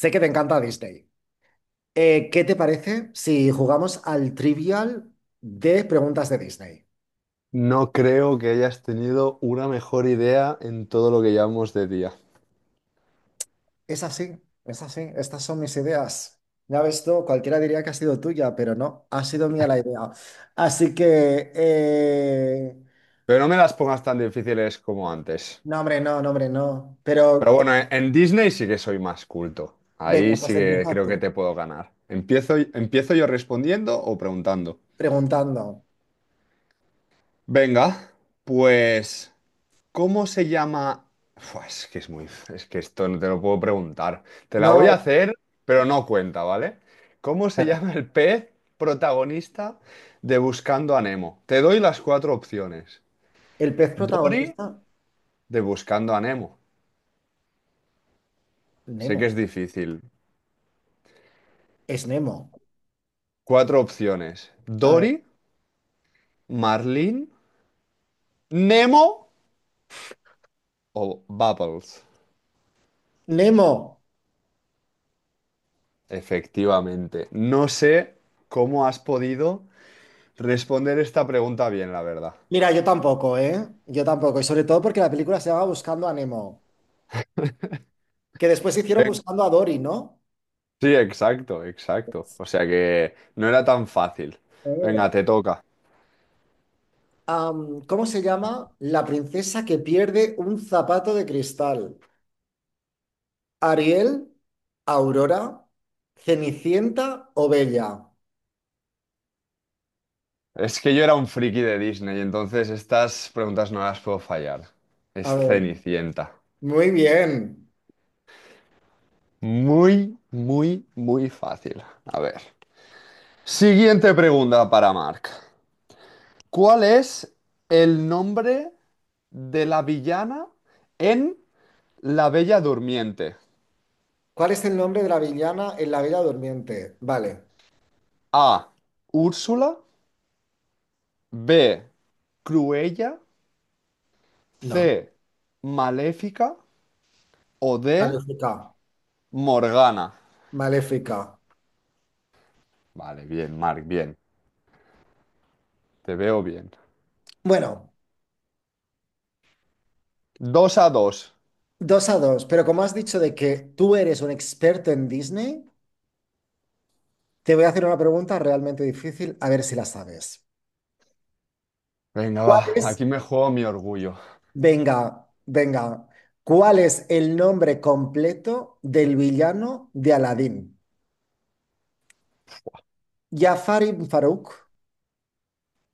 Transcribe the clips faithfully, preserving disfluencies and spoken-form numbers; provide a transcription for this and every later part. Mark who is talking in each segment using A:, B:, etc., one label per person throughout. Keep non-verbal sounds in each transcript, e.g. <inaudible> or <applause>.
A: Sé que te encanta Disney. Eh, ¿qué te parece si jugamos al trivial de preguntas de Disney?
B: No creo que hayas tenido una mejor idea en todo lo que llevamos de día.
A: Es así, es así. Estas son mis ideas. Ya ves tú, cualquiera diría que ha sido tuya, pero no, ha sido mía la idea. Así que, eh,
B: Pero no me las pongas tan difíciles como antes.
A: no, hombre, no, no, hombre, no.
B: Pero
A: Pero, eh,
B: bueno, en, en Disney sí que soy más culto. Ahí
A: venga,
B: sí
A: pues
B: que
A: empieza
B: creo que
A: tú,
B: te puedo ganar. ¿Empiezo, empiezo yo respondiendo o preguntando?
A: preguntando.
B: Venga, pues ¿cómo se llama? Fua, es que es muy. Es que esto no te lo puedo preguntar. Te la voy a
A: No,
B: hacer, pero no cuenta, ¿vale? ¿Cómo se
A: vale.
B: llama el pez protagonista de Buscando a Nemo? Te doy las cuatro opciones.
A: El pez
B: Dory
A: protagonista,
B: de Buscando a Nemo. Sé que
A: Nemo.
B: es difícil.
A: Es Nemo.
B: Cuatro opciones.
A: A ver,
B: Dory, Marlin, Nemo o Bubbles.
A: Nemo.
B: Efectivamente. No sé cómo has podido responder esta pregunta bien, la verdad.
A: Mira, yo tampoco, ¿eh? Yo tampoco. Y sobre todo porque la película se llama Buscando a Nemo, que después hicieron Buscando a Dory, ¿no?
B: Sí, exacto, exacto. O sea que no era tan fácil.
A: Eh.
B: Venga, te toca.
A: Am, ¿cómo se llama? La princesa que pierde un zapato de cristal. ¿Ariel, Aurora, Cenicienta o Bella?
B: Es que yo era un friki de Disney, entonces estas preguntas no las puedo fallar.
A: A
B: Es
A: ver,
B: Cenicienta.
A: muy bien.
B: Muy, muy, muy fácil. A ver. Siguiente pregunta para Mark. ¿Cuál es el nombre de la villana en La Bella Durmiente?
A: ¿Cuál es el nombre de la villana en La Bella Durmiente? Vale,
B: A, Úrsula. B, Cruella.
A: no.
B: C, Maléfica, o D,
A: Maléfica.
B: Morgana.
A: Maléfica.
B: Vale, bien, Mark, bien. Te veo bien.
A: Bueno,
B: Dos a dos.
A: dos a dos, pero como has dicho de que tú eres un experto en Disney. Te voy a hacer una pregunta realmente difícil, a ver si la sabes.
B: Venga,
A: ¿Cuál
B: va,
A: es,
B: aquí me juego mi orgullo.
A: venga, venga, cuál es el nombre completo del villano de Aladín? ¿Jafar ibn Faruk,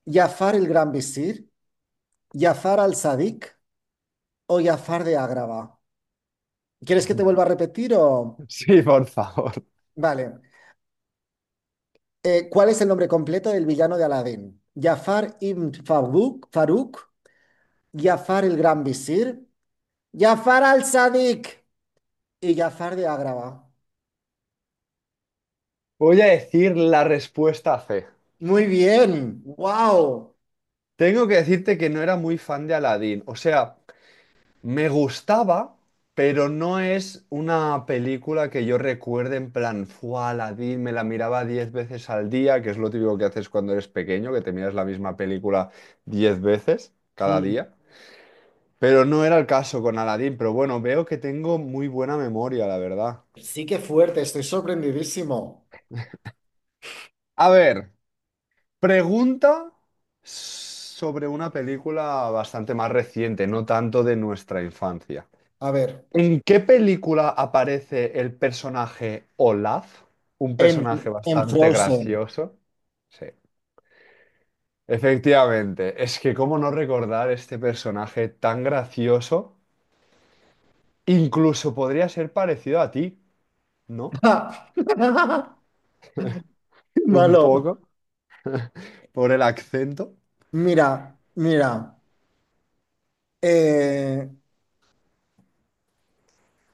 A: ¿Jafar el Gran Visir? ¿Jafar al-Sadiq o Jafar de Agrava? ¿Quieres que te vuelva a
B: <laughs>
A: repetir o...?
B: Sí, por favor.
A: Vale. Eh, ¿cuál es el nombre completo del villano de Aladín? ¿Jafar ibn Faruk, Faruk, ¿Jafar el Gran Visir? ¿Jafar al-Sadiq? Y Jafar de Agrava.
B: Voy a decir la respuesta C.
A: Muy bien, wow.
B: Tengo que decirte que no era muy fan de Aladdin. O sea, me gustaba, pero no es una película que yo recuerde en plan, fue la, me la miraba diez veces al día, que es lo típico que haces cuando eres pequeño, que te miras la misma película diez veces cada
A: Mm.
B: día. Pero no era el caso con Aladdin, pero bueno, veo que tengo muy buena memoria, la verdad.
A: Sí que fuerte, estoy sorprendidísimo.
B: A ver, pregunta sobre una película bastante más reciente, no tanto de nuestra infancia.
A: A ver,
B: ¿En qué película aparece el personaje Olaf? Un
A: en,
B: personaje
A: en
B: bastante
A: Frozen.
B: gracioso. Sí, efectivamente. Es que cómo no recordar este personaje tan gracioso. Incluso podría ser parecido a ti, ¿no?
A: <laughs>
B: Un
A: Malo.
B: poco, por el acento.
A: Mira, mira. eh,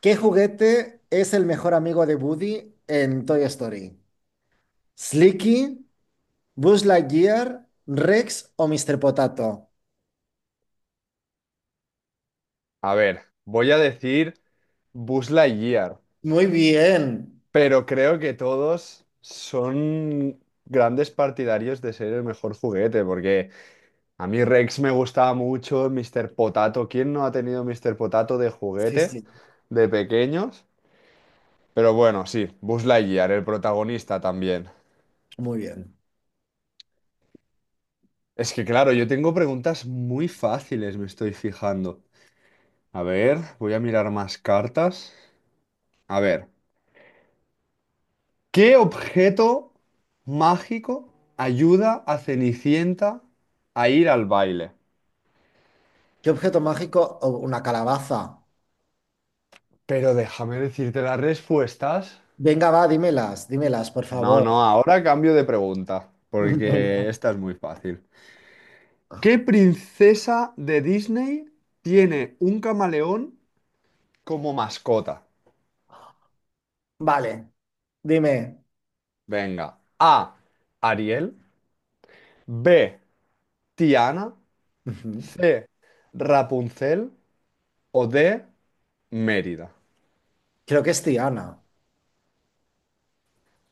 A: ¿Qué juguete es el mejor amigo de Woody en Toy Story? ¿Slinky, Buzz Lightyear, Rex o míster Potato?
B: A ver, voy a decir Buzz Lightyear,
A: Muy bien.
B: pero creo que todos son grandes partidarios de ser el mejor juguete, porque... a mí Rex me gustaba mucho, señor Potato. ¿Quién no ha tenido señor Potato de
A: Sí,
B: juguete
A: sí,
B: de pequeños? Pero bueno, sí, Buzz Lightyear, el protagonista también.
A: muy bien.
B: Es que claro, yo tengo preguntas muy fáciles, me estoy fijando. A ver, voy a mirar más cartas. A ver, ¿qué objeto mágico ayuda a Cenicienta a ir al baile?
A: ¿Qué objeto mágico? O una calabaza.
B: Pero déjame decirte las respuestas.
A: Venga, va, dímelas, dímelas, por
B: No,
A: favor.
B: no, ahora cambio de pregunta,
A: <laughs>
B: porque
A: Venga.
B: esta es muy fácil. ¿Qué princesa de Disney tiene un camaleón como mascota?
A: Vale, dime.
B: Venga, A, Ariel; B, Tiana;
A: Ujú.
B: C, Rapunzel; o D, Mérida.
A: Creo que es Tiana.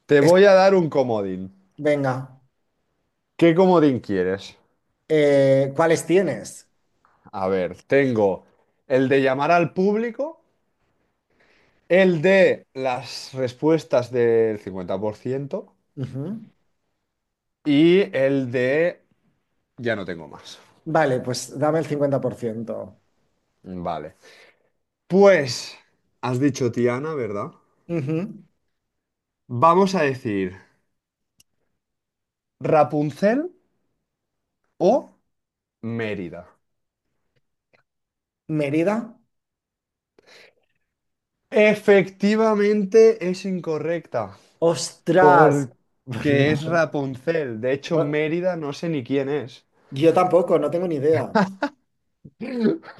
B: Te
A: Es-
B: voy a dar un comodín.
A: Venga,
B: ¿Qué comodín quieres?
A: Eh, ¿cuáles tienes?
B: A ver, tengo el de llamar al público, el de las respuestas del cincuenta por ciento.
A: Ujú.
B: Y el de... ya no tengo más.
A: Vale, pues dame el cincuenta por ciento.
B: Vale. Pues, has dicho Tiana, ¿verdad?
A: Ujú.
B: Vamos a decir Rapunzel o Mérida.
A: ¿Mérida?
B: Efectivamente es incorrecta,
A: ¡Ostras!
B: porque es
A: <laughs>
B: Rapunzel. De hecho,
A: No,
B: Mérida no sé ni quién es.
A: yo tampoco, no tengo ni idea.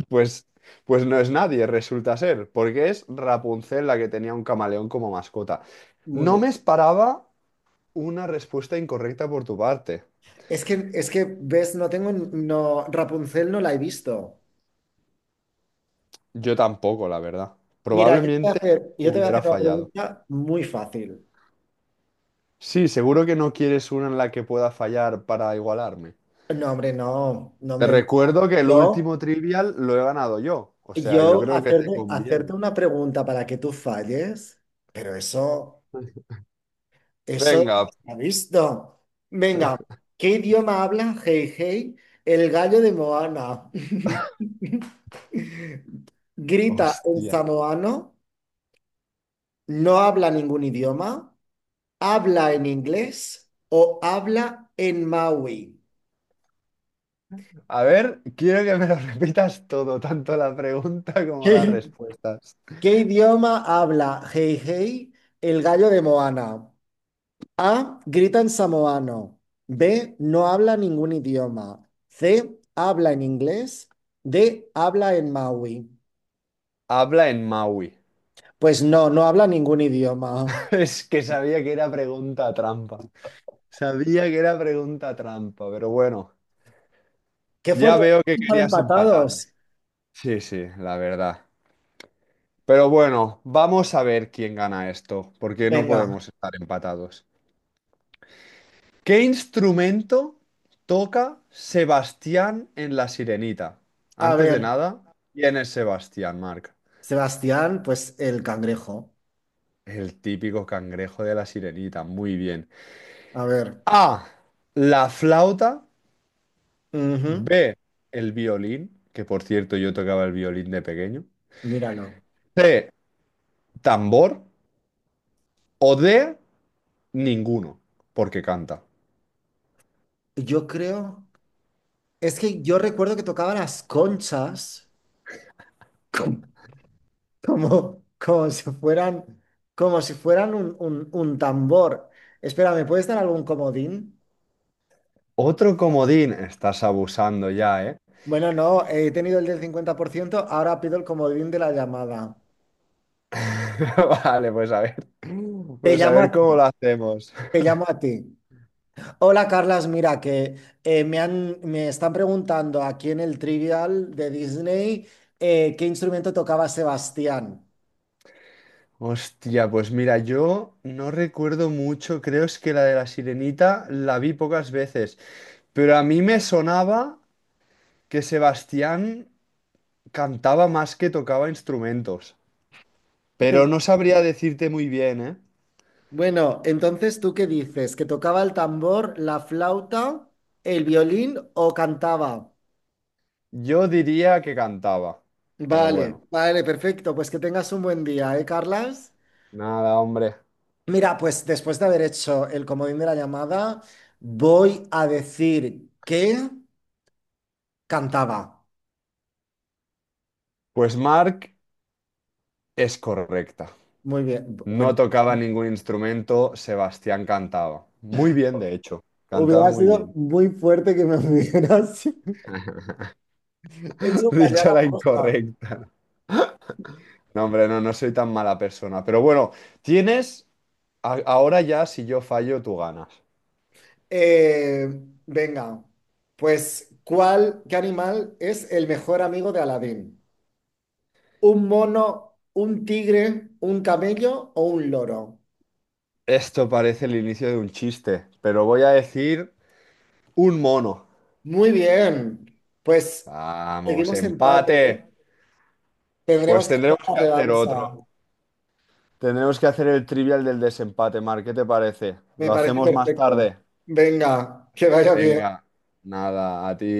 B: Pues, pues no es nadie, resulta ser, porque es Rapunzel la que tenía un camaleón como mascota.
A: Muy
B: No
A: bien.
B: me esperaba una respuesta incorrecta por tu parte.
A: Es que, es que, ves, no tengo, no, Rapunzel no la he visto.
B: Yo tampoco, la verdad.
A: Mira, yo te voy a
B: Probablemente
A: hacer, yo te voy a
B: hubiera
A: hacer una
B: fallado.
A: pregunta muy fácil.
B: Sí, seguro que no quieres una en la que pueda fallar para igualarme.
A: No, hombre, no, no,
B: Te
A: hombre,
B: recuerdo que el
A: Yo,
B: último trivial lo he ganado yo. O sea, yo
A: yo
B: creo que te
A: hacerte, hacerte
B: conviene.
A: una pregunta para que tú falles, pero eso, eso no
B: Venga,
A: se ha visto. Venga, ¿qué idioma habla Hey Hey, el gallo de Moana? <laughs> Grita en
B: hostia.
A: samoano, no habla ningún idioma, habla en inglés o habla en Maui.
B: A ver, quiero que me lo repitas todo, tanto la pregunta
A: <laughs>
B: como las
A: ¿Qué,
B: respuestas.
A: ¿qué idioma habla Hey Hey, el gallo de Moana? A. Grita en samoano. B. No habla ningún idioma. C. Habla en inglés. D. Habla en maui.
B: Habla en Maui.
A: Pues no, no habla ningún idioma.
B: <laughs> Es que sabía que era pregunta trampa. Sabía que era pregunta trampa, pero bueno,
A: Qué
B: ya
A: fuerte,
B: veo que
A: están
B: querías empatar.
A: empatados.
B: Sí, sí, la verdad. Pero bueno, vamos a ver quién gana esto, porque no
A: Venga,
B: podemos estar empatados. ¿Qué instrumento toca Sebastián en La Sirenita?
A: a
B: Antes de
A: ver.
B: nada, ¿quién es Sebastián, Marc?
A: Sebastián, pues el cangrejo.
B: El típico cangrejo de La Sirenita, muy bien.
A: A ver,
B: A, la flauta.
A: ujú.
B: B, el violín, que por cierto yo tocaba el violín de pequeño.
A: Míralo.
B: C, tambor. O D, ninguno, porque canta.
A: Yo creo. Es que yo recuerdo que tocaba las conchas. Como, como si fueran, como si fueran un, un- un tambor. Espera, ¿me puedes dar algún comodín?
B: Otro comodín, estás abusando ya, ¿eh?
A: Bueno, no, he tenido el del cincuenta por ciento, ahora pido el comodín de la llamada.
B: <laughs> Vale, pues a ver,
A: Te
B: pues a
A: llamo
B: ver
A: a
B: cómo
A: ti,
B: lo hacemos.
A: te llamo a ti. Hola, Carlas, mira que eh, me han, me están preguntando aquí en el Trivial de Disney eh, qué instrumento tocaba Sebastián.
B: Hostia, pues mira, yo no recuerdo mucho, creo es que la de la Sirenita la vi pocas veces, pero a mí me sonaba que Sebastián cantaba más que tocaba instrumentos, pero no
A: <laughs>
B: sabría decirte muy bien, ¿eh?
A: Bueno, entonces, ¿tú qué dices? ¿Que tocaba el tambor, la flauta, el violín o cantaba?
B: Yo diría que cantaba, pero
A: Vale,
B: bueno,
A: vale, perfecto. Pues que tengas un buen día, ¿eh, Carlas?
B: nada, hombre.
A: Mira, pues después de haber hecho el comodín de la llamada, voy a decir que cantaba.
B: Pues Mark es correcta.
A: Muy bien. Bueno,
B: No tocaba ningún instrumento, Sebastián cantaba. Muy bien, de hecho. Cantaba
A: hubiera
B: muy
A: sido
B: bien.
A: muy fuerte que me hubieras <laughs>
B: <laughs>
A: hecho fallar
B: Dicho
A: a
B: la
A: posta.
B: incorrecta. No, hombre, no, no soy tan mala persona. Pero bueno, tienes... a- ahora ya, si yo fallo, tú ganas.
A: Eh, venga, pues, ¿cuál, qué animal es el mejor amigo de Aladín? ¿Un mono, un tigre, un camello o un loro?
B: Esto parece el inicio de un chiste, pero voy a decir un mono.
A: Muy bien, pues
B: Vamos,
A: seguimos empate, ¿eh?
B: empate. Pues
A: Tendremos que hacer
B: tendremos
A: la
B: que hacer
A: revancha.
B: otro. Tendremos que hacer el trivial del desempate, Mar. ¿Qué te parece?
A: Me
B: Lo
A: parece
B: hacemos más
A: perfecto.
B: tarde.
A: Venga, que vaya bien.
B: Venga, nada, a ti.